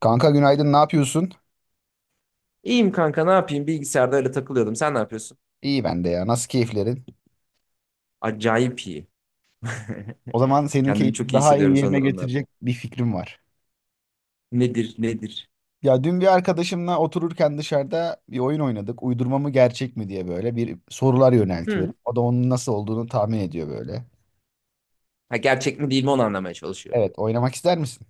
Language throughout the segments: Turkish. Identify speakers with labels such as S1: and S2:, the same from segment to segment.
S1: Kanka günaydın, ne yapıyorsun?
S2: İyiyim kanka ne yapayım bilgisayarda öyle takılıyordum. Sen ne yapıyorsun?
S1: İyi ben de ya. Nasıl keyiflerin?
S2: Acayip iyi.
S1: O zaman senin
S2: Kendimi
S1: keyfini
S2: çok iyi
S1: daha iyi
S2: hissediyorum son
S1: yerine
S2: zamanlarda.
S1: getirecek bir fikrim var.
S2: Nedir nedir?
S1: Ya dün bir arkadaşımla otururken dışarıda bir oyun oynadık. Uydurma mı gerçek mi diye böyle bir sorular yöneltiyorum. O da onun nasıl olduğunu tahmin ediyor böyle.
S2: Ha, gerçek mi değil mi onu anlamaya çalışıyor.
S1: Evet, oynamak ister misin?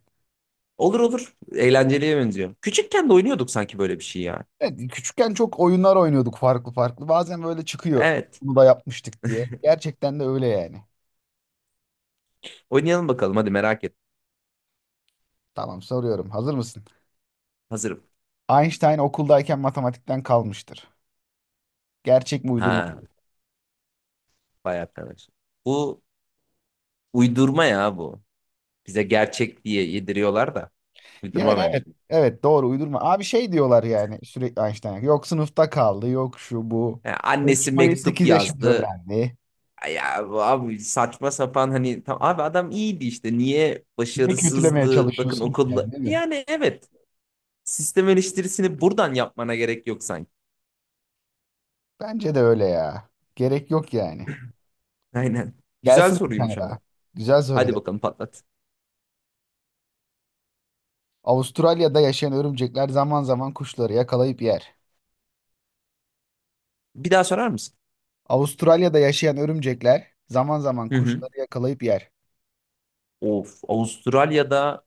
S2: Olur olur. Eğlenceliye benziyor. Küçükken de oynuyorduk sanki böyle bir şey ya.
S1: Evet, küçükken çok oyunlar oynuyorduk farklı farklı. Bazen böyle çıkıyor.
S2: Evet.
S1: Bunu da yapmıştık diye. Gerçekten de öyle yani.
S2: Oynayalım bakalım hadi merak et.
S1: Tamam soruyorum. Hazır mısın?
S2: Hazırım.
S1: Einstein okuldayken matematikten kalmıştır. Gerçek mi uydurma mı?
S2: Ha vay arkadaş. Bu uydurma ya bu. Bize gerçek diye yediriyorlar da. Uydurma
S1: Yani
S2: bence.
S1: evet, evet doğru uydurma. Abi şey diyorlar yani sürekli Einstein. Yok sınıfta kaldı, yok şu bu.
S2: Ha, annesi
S1: Konuşmayı
S2: mektup
S1: 8 yaşında
S2: yazdı.
S1: öğrendi.
S2: Ya bu abi saçma sapan hani tam, abi adam iyiydi işte niye
S1: Niye kötülemeye
S2: başarısızdı bakın
S1: çalışıyorsun ki
S2: okulda,
S1: yani değil mi?
S2: yani evet, sistem eleştirisini buradan yapmana gerek yok sanki.
S1: Bence de öyle ya. Gerek yok yani.
S2: Aynen. Güzel
S1: Gelsin bir
S2: soruymuş
S1: tane
S2: ama.
S1: daha. Güzel
S2: Hadi
S1: soruydu.
S2: bakalım patlat.
S1: Avustralya'da yaşayan örümcekler zaman zaman kuşları yakalayıp yer.
S2: Bir daha sorar mısın?
S1: Avustralya'da yaşayan örümcekler zaman zaman
S2: Hı hı.
S1: kuşları yakalayıp yer.
S2: Of, Avustralya'da,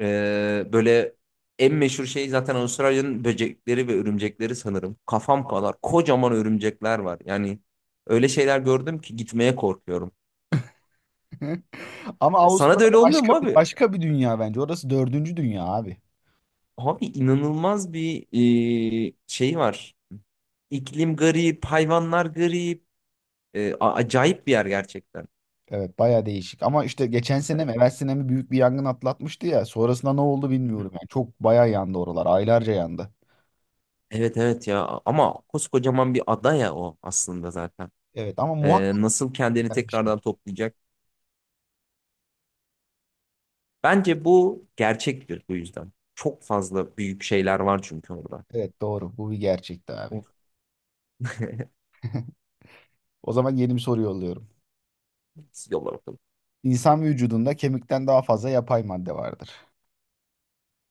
S2: e, böyle, en meşhur şey zaten Avustralya'nın böcekleri ve örümcekleri sanırım. Kafam kadar kocaman örümcekler var. Yani öyle şeyler gördüm ki gitmeye korkuyorum.
S1: Ama
S2: Sana da öyle
S1: Avustralya
S2: olmuyor
S1: başka
S2: mu
S1: bir,
S2: abi?
S1: başka bir dünya bence. Orası dördüncü dünya abi.
S2: Abi inanılmaz bir şey var. İklim garip, hayvanlar garip. Acayip bir yer gerçekten.
S1: Evet baya değişik ama işte geçen sene
S2: Evet.
S1: mi evvel sene mi büyük bir yangın atlatmıştı ya sonrasında ne oldu
S2: Hı hı.
S1: bilmiyorum yani çok baya yandı oralar aylarca yandı.
S2: Evet evet ya, ama koskocaman bir ada ya o aslında zaten.
S1: Evet ama
S2: Ee,
S1: muhakkak
S2: nasıl kendini
S1: yanmıştır.
S2: tekrardan toplayacak? Bence bu gerçektir bu yüzden. Çok fazla büyük şeyler var çünkü orada.
S1: Evet doğru bu bir gerçekti abi.
S2: Of,
S1: O zaman yeni bir soru yolluyorum.
S2: yolla bakalım.
S1: İnsan vücudunda kemikten daha fazla yapay madde vardır.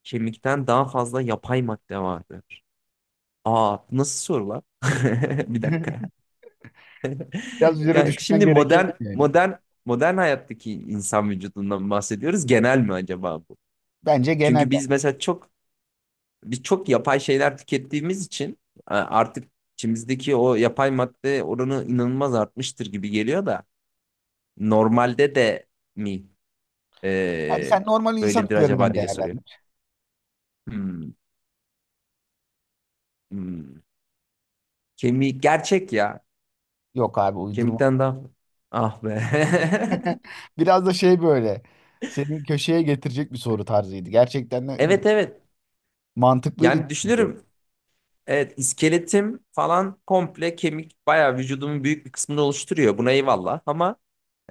S2: Kemikten daha fazla yapay madde vardır. Aa, nasıl sorular? Bir dakika.
S1: Biraz üzerine
S2: Yani
S1: düşünmen
S2: şimdi modern
S1: gerekebilir yani.
S2: modern modern hayattaki insan vücudundan bahsediyoruz. Genel mi acaba bu?
S1: Bence genel
S2: Çünkü
S1: yani.
S2: biz mesela çok, biz çok yapay şeyler tükettiğimiz için artık içimizdeki o yapay madde oranı inanılmaz artmıştır gibi geliyor da, normalde de mi
S1: Yani
S2: e,
S1: sen normal insan
S2: böyledir acaba
S1: üzerinden
S2: diye soruyor.
S1: değerlendir.
S2: Hmm, hmm. Kemik gerçek ya.
S1: Yok abi uydurma.
S2: Kemikten daha, ah be.
S1: Biraz da şey böyle seni köşeye getirecek bir soru tarzıydı. Gerçekten de
S2: Evet evet.
S1: mantıklıydı.
S2: Yani düşünürüm. Evet, iskeletim falan komple kemik, bayağı vücudumun büyük bir kısmını oluşturuyor. Buna eyvallah ama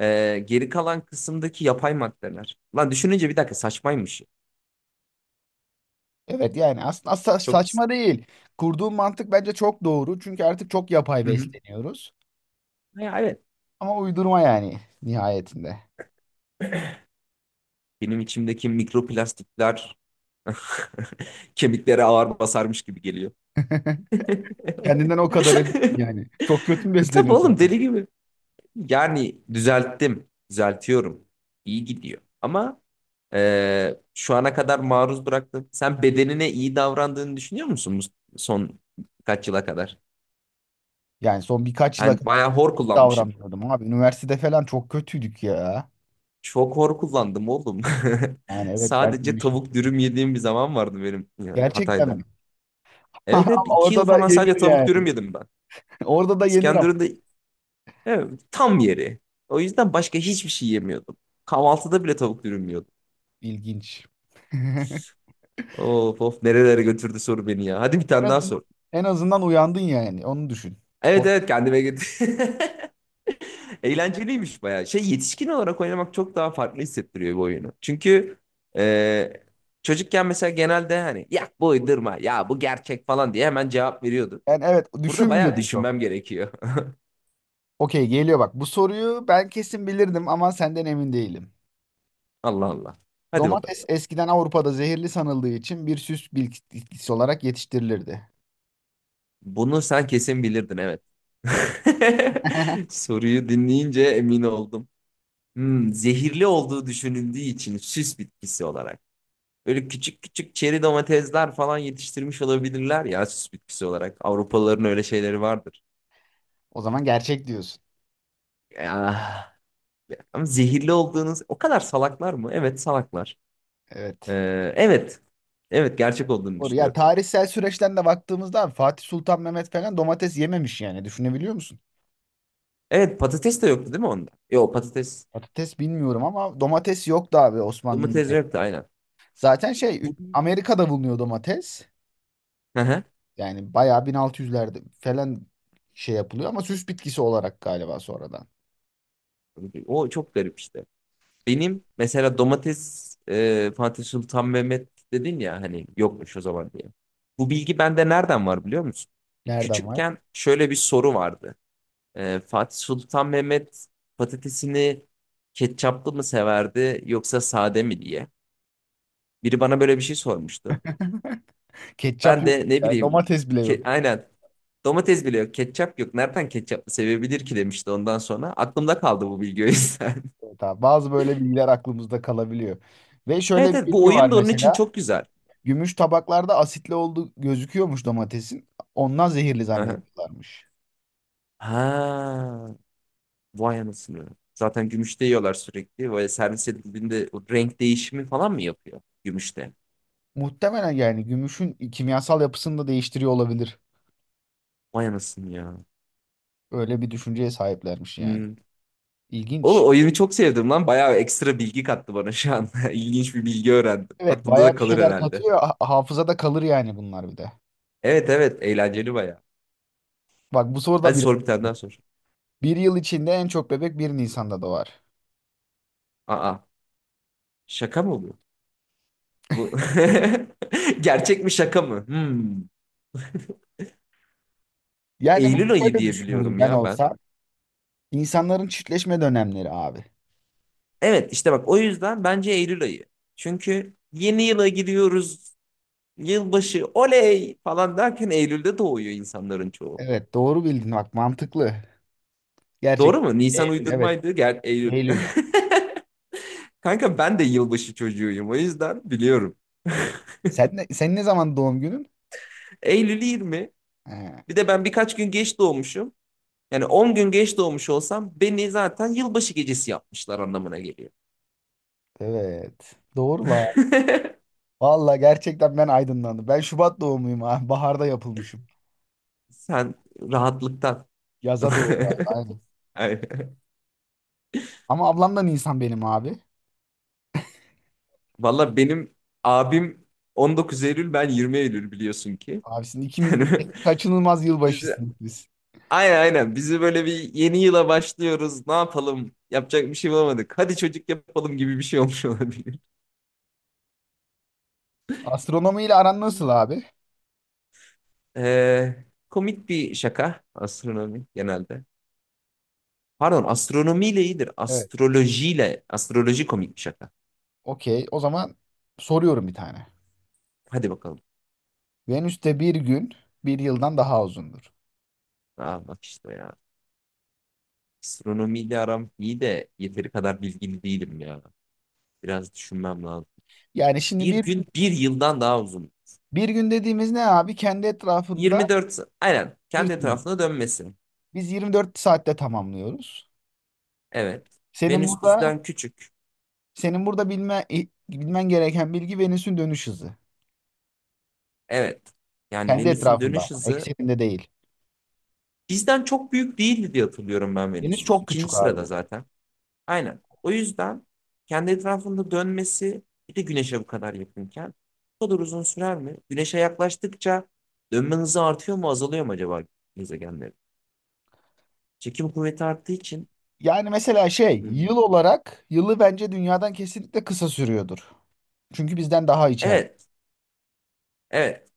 S2: geri kalan kısımdaki yapay maddeler. Lan düşününce bir dakika saçmaymış.
S1: Evet yani aslında
S2: Çok.
S1: saçma değil. Kurduğun mantık bence çok doğru. Çünkü artık çok yapay
S2: Hı hı.
S1: besleniyoruz.
S2: Ya evet.
S1: Ama uydurma yani nihayetinde.
S2: Benim içimdeki mikroplastikler kemiklere ağır basarmış gibi geliyor.
S1: Kendinden o kadar eminsin yani. Çok kötü mü
S2: Tabii
S1: besleniyorsun o
S2: oğlum
S1: kadar?
S2: deli gibi. Yani düzelttim, düzeltiyorum. İyi gidiyor. Ama, şu ana kadar maruz bıraktın. Sen bedenine iyi davrandığını düşünüyor musun bu son kaç yıla kadar?
S1: Yani son birkaç yıla
S2: Ben
S1: kadar
S2: bayağı hor kullanmışım.
S1: davranıyordum abi. Üniversitede falan çok kötüydük ya.
S2: Çok hor kullandım oğlum.
S1: Yani evet ben de
S2: Sadece
S1: aynı şey.
S2: tavuk dürüm yediğim bir zaman vardı benim ya,
S1: Gerçekten mi?
S2: Hatay'da.
S1: Ama
S2: Evet evet, 2 yıl
S1: orada da
S2: falan
S1: yenir
S2: sadece tavuk dürüm
S1: yani.
S2: yedim ben.
S1: Orada da yenir ama.
S2: İskenderun'da, evet, tam yeri. O yüzden başka hiçbir şey yemiyordum. Kahvaltıda bile tavuk dürüm yiyordum.
S1: İlginç.
S2: Of of, nerelere götürdü soru beni ya. Hadi bir
S1: En
S2: tane daha
S1: azından
S2: sor.
S1: en azından uyandın yani. Onu düşün.
S2: Evet
S1: Po-
S2: evet, kendime götür. Eğlenceliymiş bayağı. Şey, yetişkin olarak oynamak çok daha farklı hissettiriyor bu oyunu. Çünkü e, çocukken mesela genelde hani ya bu uydurma ya bu gerçek falan diye hemen cevap veriyordu.
S1: Yani evet
S2: Burada bayağı
S1: düşünmüyordum çok.
S2: düşünmem gerekiyor.
S1: Okey geliyor bak. Bu soruyu ben kesin bilirdim ama senden emin değilim.
S2: Allah Allah. Hadi bakalım.
S1: Domates eskiden Avrupa'da zehirli sanıldığı için bir süs bitkisi olarak yetiştirilirdi.
S2: Bunu sen kesin bilirdin, evet. Soruyu dinleyince emin oldum. Zehirli olduğu düşünüldüğü için süs bitkisi olarak. Böyle küçük küçük çeri domatesler falan yetiştirmiş olabilirler ya, süs bitkisi olarak. Avrupalıların öyle şeyleri vardır.
S1: O zaman gerçek diyorsun.
S2: Ah, ama zehirli olduğunuz o kadar salaklar mı? Evet, salaklar.
S1: Evet.
S2: Evet. Evet, gerçek olduğunu
S1: Doğru. Ya
S2: düşünüyorum.
S1: tarihsel süreçten de baktığımızda abi, Fatih Sultan Mehmet falan domates yememiş yani. Düşünebiliyor musun?
S2: Evet, patates de yoktu değil mi onda? Yok, patates,
S1: Patates bilmiyorum ama domates yoktu abi Osmanlı'nın
S2: domates
S1: pek.
S2: yoktu aynen.
S1: Zaten şey
S2: Bu-
S1: Amerika'da bulunuyor domates.
S2: Hı hı.
S1: Yani bayağı 1600'lerde falan şey yapılıyor ama süs bitkisi olarak galiba sonradan.
S2: O çok garip işte. Benim mesela domates, Fatih Sultan Mehmet dedin ya hani yokmuş o zaman diye. Bu bilgi bende nereden var biliyor musun?
S1: Nereden var?
S2: Küçükken şöyle bir soru vardı. Fatih Sultan Mehmet patatesini ketçaplı mı severdi yoksa sade mi diye. Biri bana böyle bir şey sormuştu.
S1: Ketçap
S2: Ben
S1: yok.
S2: de ne
S1: Yani
S2: bileyim,
S1: domates bile yok.
S2: aynen, domates bile yok, ketçap yok, nereden ketçaplı sevebilir ki demişti ondan sonra. Aklımda kaldı bu bilgi o yüzden.
S1: Evet abi. Bazı böyle bilgiler aklımızda kalabiliyor. Ve şöyle
S2: Evet
S1: bir
S2: evet, bu
S1: bilgi var
S2: oyun da onun için
S1: mesela.
S2: çok güzel.
S1: Gümüş tabaklarda asitli olduğu gözüküyormuş domatesin. Ondan zehirli
S2: Hı hı.
S1: zannediyorlarmış.
S2: Ha, vay anasını. Zaten gümüşte yiyorlar sürekli. Böyle servis edildiğinde o renk değişimi falan mı yapıyor gümüşte?
S1: Muhtemelen yani gümüşün kimyasal yapısını da değiştiriyor olabilir.
S2: Vay anasını ya.
S1: Öyle bir düşünceye sahiplermiş yani.
S2: Hmm.
S1: İlginç.
S2: Oğlum oyunu çok sevdim lan. Bayağı ekstra bilgi kattı bana şu an. İlginç bir bilgi öğrendim.
S1: Evet
S2: Aklımda
S1: bayağı
S2: da
S1: bir
S2: kalır
S1: şeyler
S2: herhalde.
S1: katıyor. Hafızada kalır yani bunlar bir de.
S2: Evet evet, eğlenceli bayağı.
S1: Bak bu soruda
S2: Hadi
S1: bir,
S2: sor, bir tane daha sor.
S1: bir yıl içinde en çok bebek 1 Nisan'da doğar.
S2: Aa, şaka mı bu? Bu gerçek mi şaka mı? Hmm.
S1: Yani bunu
S2: Eylül ayı
S1: şöyle
S2: diye
S1: düşünürdüm
S2: biliyorum
S1: ben
S2: ya ben.
S1: olsa. İnsanların çiftleşme dönemleri abi.
S2: Evet, işte bak, o yüzden bence Eylül ayı. Çünkü yeni yıla giriyoruz. Yılbaşı oley falan derken Eylül'de doğuyor insanların çoğu.
S1: Evet doğru bildin bak mantıklı. Gerçekten
S2: Doğru mu? Nisan
S1: Eylül, evet,
S2: uydurmaydı. Gel Eylül.
S1: Eylül.
S2: Kanka, ben de yılbaşı çocuğuyum, o yüzden biliyorum.
S1: Sen ne, senin ne zaman doğum günün?
S2: Eylül 20.
S1: He,
S2: Bir de ben birkaç gün geç doğmuşum. Yani 10 gün geç doğmuş olsam, beni zaten yılbaşı gecesi yapmışlar anlamına geliyor.
S1: evet. Doğru la. Valla gerçekten ben aydınlandım. Ben Şubat doğumluyum abi. Baharda yapılmışım.
S2: Sen rahatlıktan.
S1: Yaza doğru. Aynen.
S2: Aynen.
S1: Ama ablamdan insan benim abi.
S2: Valla benim abim 19 Eylül, ben 20 Eylül, biliyorsun ki.
S1: Abisin ikimiz de
S2: Yani,
S1: kaçınılmaz
S2: bizi,
S1: yılbaşısınız biz.
S2: aynen aynen bizi, böyle bir yeni yıla başlıyoruz, ne yapalım, yapacak bir şey bulamadık. Hadi çocuk yapalım gibi bir şey olmuş olabilir.
S1: Astronomi ile aran nasıl abi?
S2: Ee, komik bir şaka astronomi genelde. Pardon, astronomiyle iyidir.
S1: Evet.
S2: Astrolojiyle, astroloji komik bir şaka.
S1: Okey. O zaman soruyorum bir tane.
S2: Hadi bakalım.
S1: Venüs'te bir gün bir yıldan daha uzundur.
S2: Aa, bak işte ya. Astronomiyle aram iyi de yeteri kadar bilgili değilim ya. Biraz düşünmem lazım.
S1: Yani şimdi
S2: Bir
S1: bir
S2: gün bir yıldan daha uzun.
S1: Bir gün dediğimiz ne abi? Kendi etrafında
S2: 24 aynen
S1: bir
S2: kendi
S1: tur.
S2: etrafına dönmesi.
S1: Biz 24 saatte tamamlıyoruz.
S2: Evet.
S1: Senin
S2: Venüs
S1: burada
S2: bizden küçük.
S1: senin burada bilmen gereken bilgi Venüs'ün dönüş hızı.
S2: Evet. Yani
S1: Kendi
S2: Venüs'ün
S1: etrafında
S2: dönüş
S1: ama,
S2: hızı
S1: ekseninde değil.
S2: bizden çok büyük değildi diye hatırlıyorum ben
S1: Venüs
S2: Venüs'ü.
S1: çok
S2: İkinci
S1: küçük abi, bu
S2: sırada
S1: arada.
S2: zaten. Aynen. O yüzden kendi etrafında dönmesi, bir de güneşe bu kadar yakınken bu kadar uzun sürer mi? Güneşe yaklaştıkça dönme hızı artıyor mu azalıyor mu acaba gezegenlerin? Çekim kuvveti arttığı için,
S1: Yani mesela şey,
S2: hmm.
S1: yıl olarak yılı bence dünyadan kesinlikle kısa sürüyordur. Çünkü bizden daha içeride.
S2: Evet. Evet.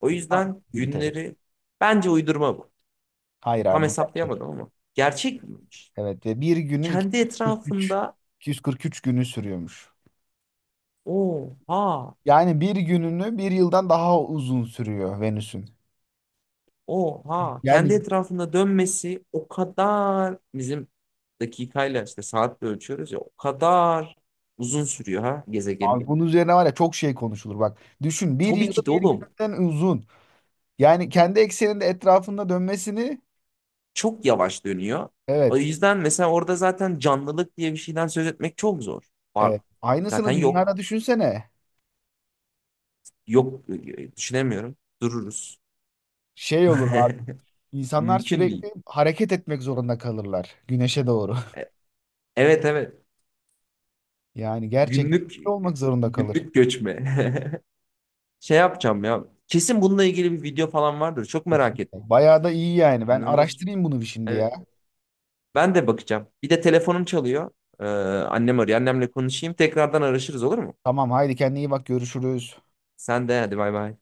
S2: O
S1: Ha,
S2: yüzden
S1: yürütelim.
S2: günleri bence uydurma bu.
S1: Hayır
S2: Tam
S1: abi bu gerçek.
S2: hesaplayamadım ama. Gerçek miymiş?
S1: Evet ve bir günü
S2: Kendi etrafında,
S1: 243 günü sürüyormuş.
S2: oha.
S1: Yani bir gününü bir yıldan daha uzun sürüyor Venüs'ün.
S2: Oha, kendi
S1: Yani
S2: etrafında dönmesi o kadar, bizim dakikayla işte saatle ölçüyoruz ya, o kadar uzun sürüyor ha
S1: abi
S2: gezegenin.
S1: bunun üzerine var ya çok şey konuşulur bak. Düşün bir
S2: Tabii
S1: yılı
S2: ki de
S1: bir
S2: oğlum,
S1: günden uzun. Yani kendi ekseninde etrafında dönmesini,
S2: çok yavaş dönüyor. O
S1: evet,
S2: yüzden mesela orada zaten canlılık diye bir şeyden söz etmek çok zor. Var.
S1: evet.
S2: Zaten
S1: Aynısını
S2: yok.
S1: dünyada düşünsene.
S2: Yok, düşünemiyorum. Dururuz.
S1: Şey olur abi. İnsanlar
S2: Mümkün değil.
S1: sürekli hareket etmek zorunda kalırlar güneşe doğru.
S2: E- Evet evet.
S1: Yani gerçekten
S2: Günlük
S1: olmak zorunda kalır.
S2: günlük göçme. Şey yapacağım ya. Kesin bununla ilgili bir video falan vardır. Çok merak ettim.
S1: Kesinlikle. Bayağı da iyi yani. Ben
S2: İnanılmaz.
S1: araştırayım bunu bir şimdi ya.
S2: Evet. Ben de bakacağım. Bir de telefonum çalıyor. Ee, annem arıyor. Annemle konuşayım. Tekrardan araşırız olur mu?
S1: Tamam haydi kendine iyi bak görüşürüz.
S2: Sen de hadi bay bay.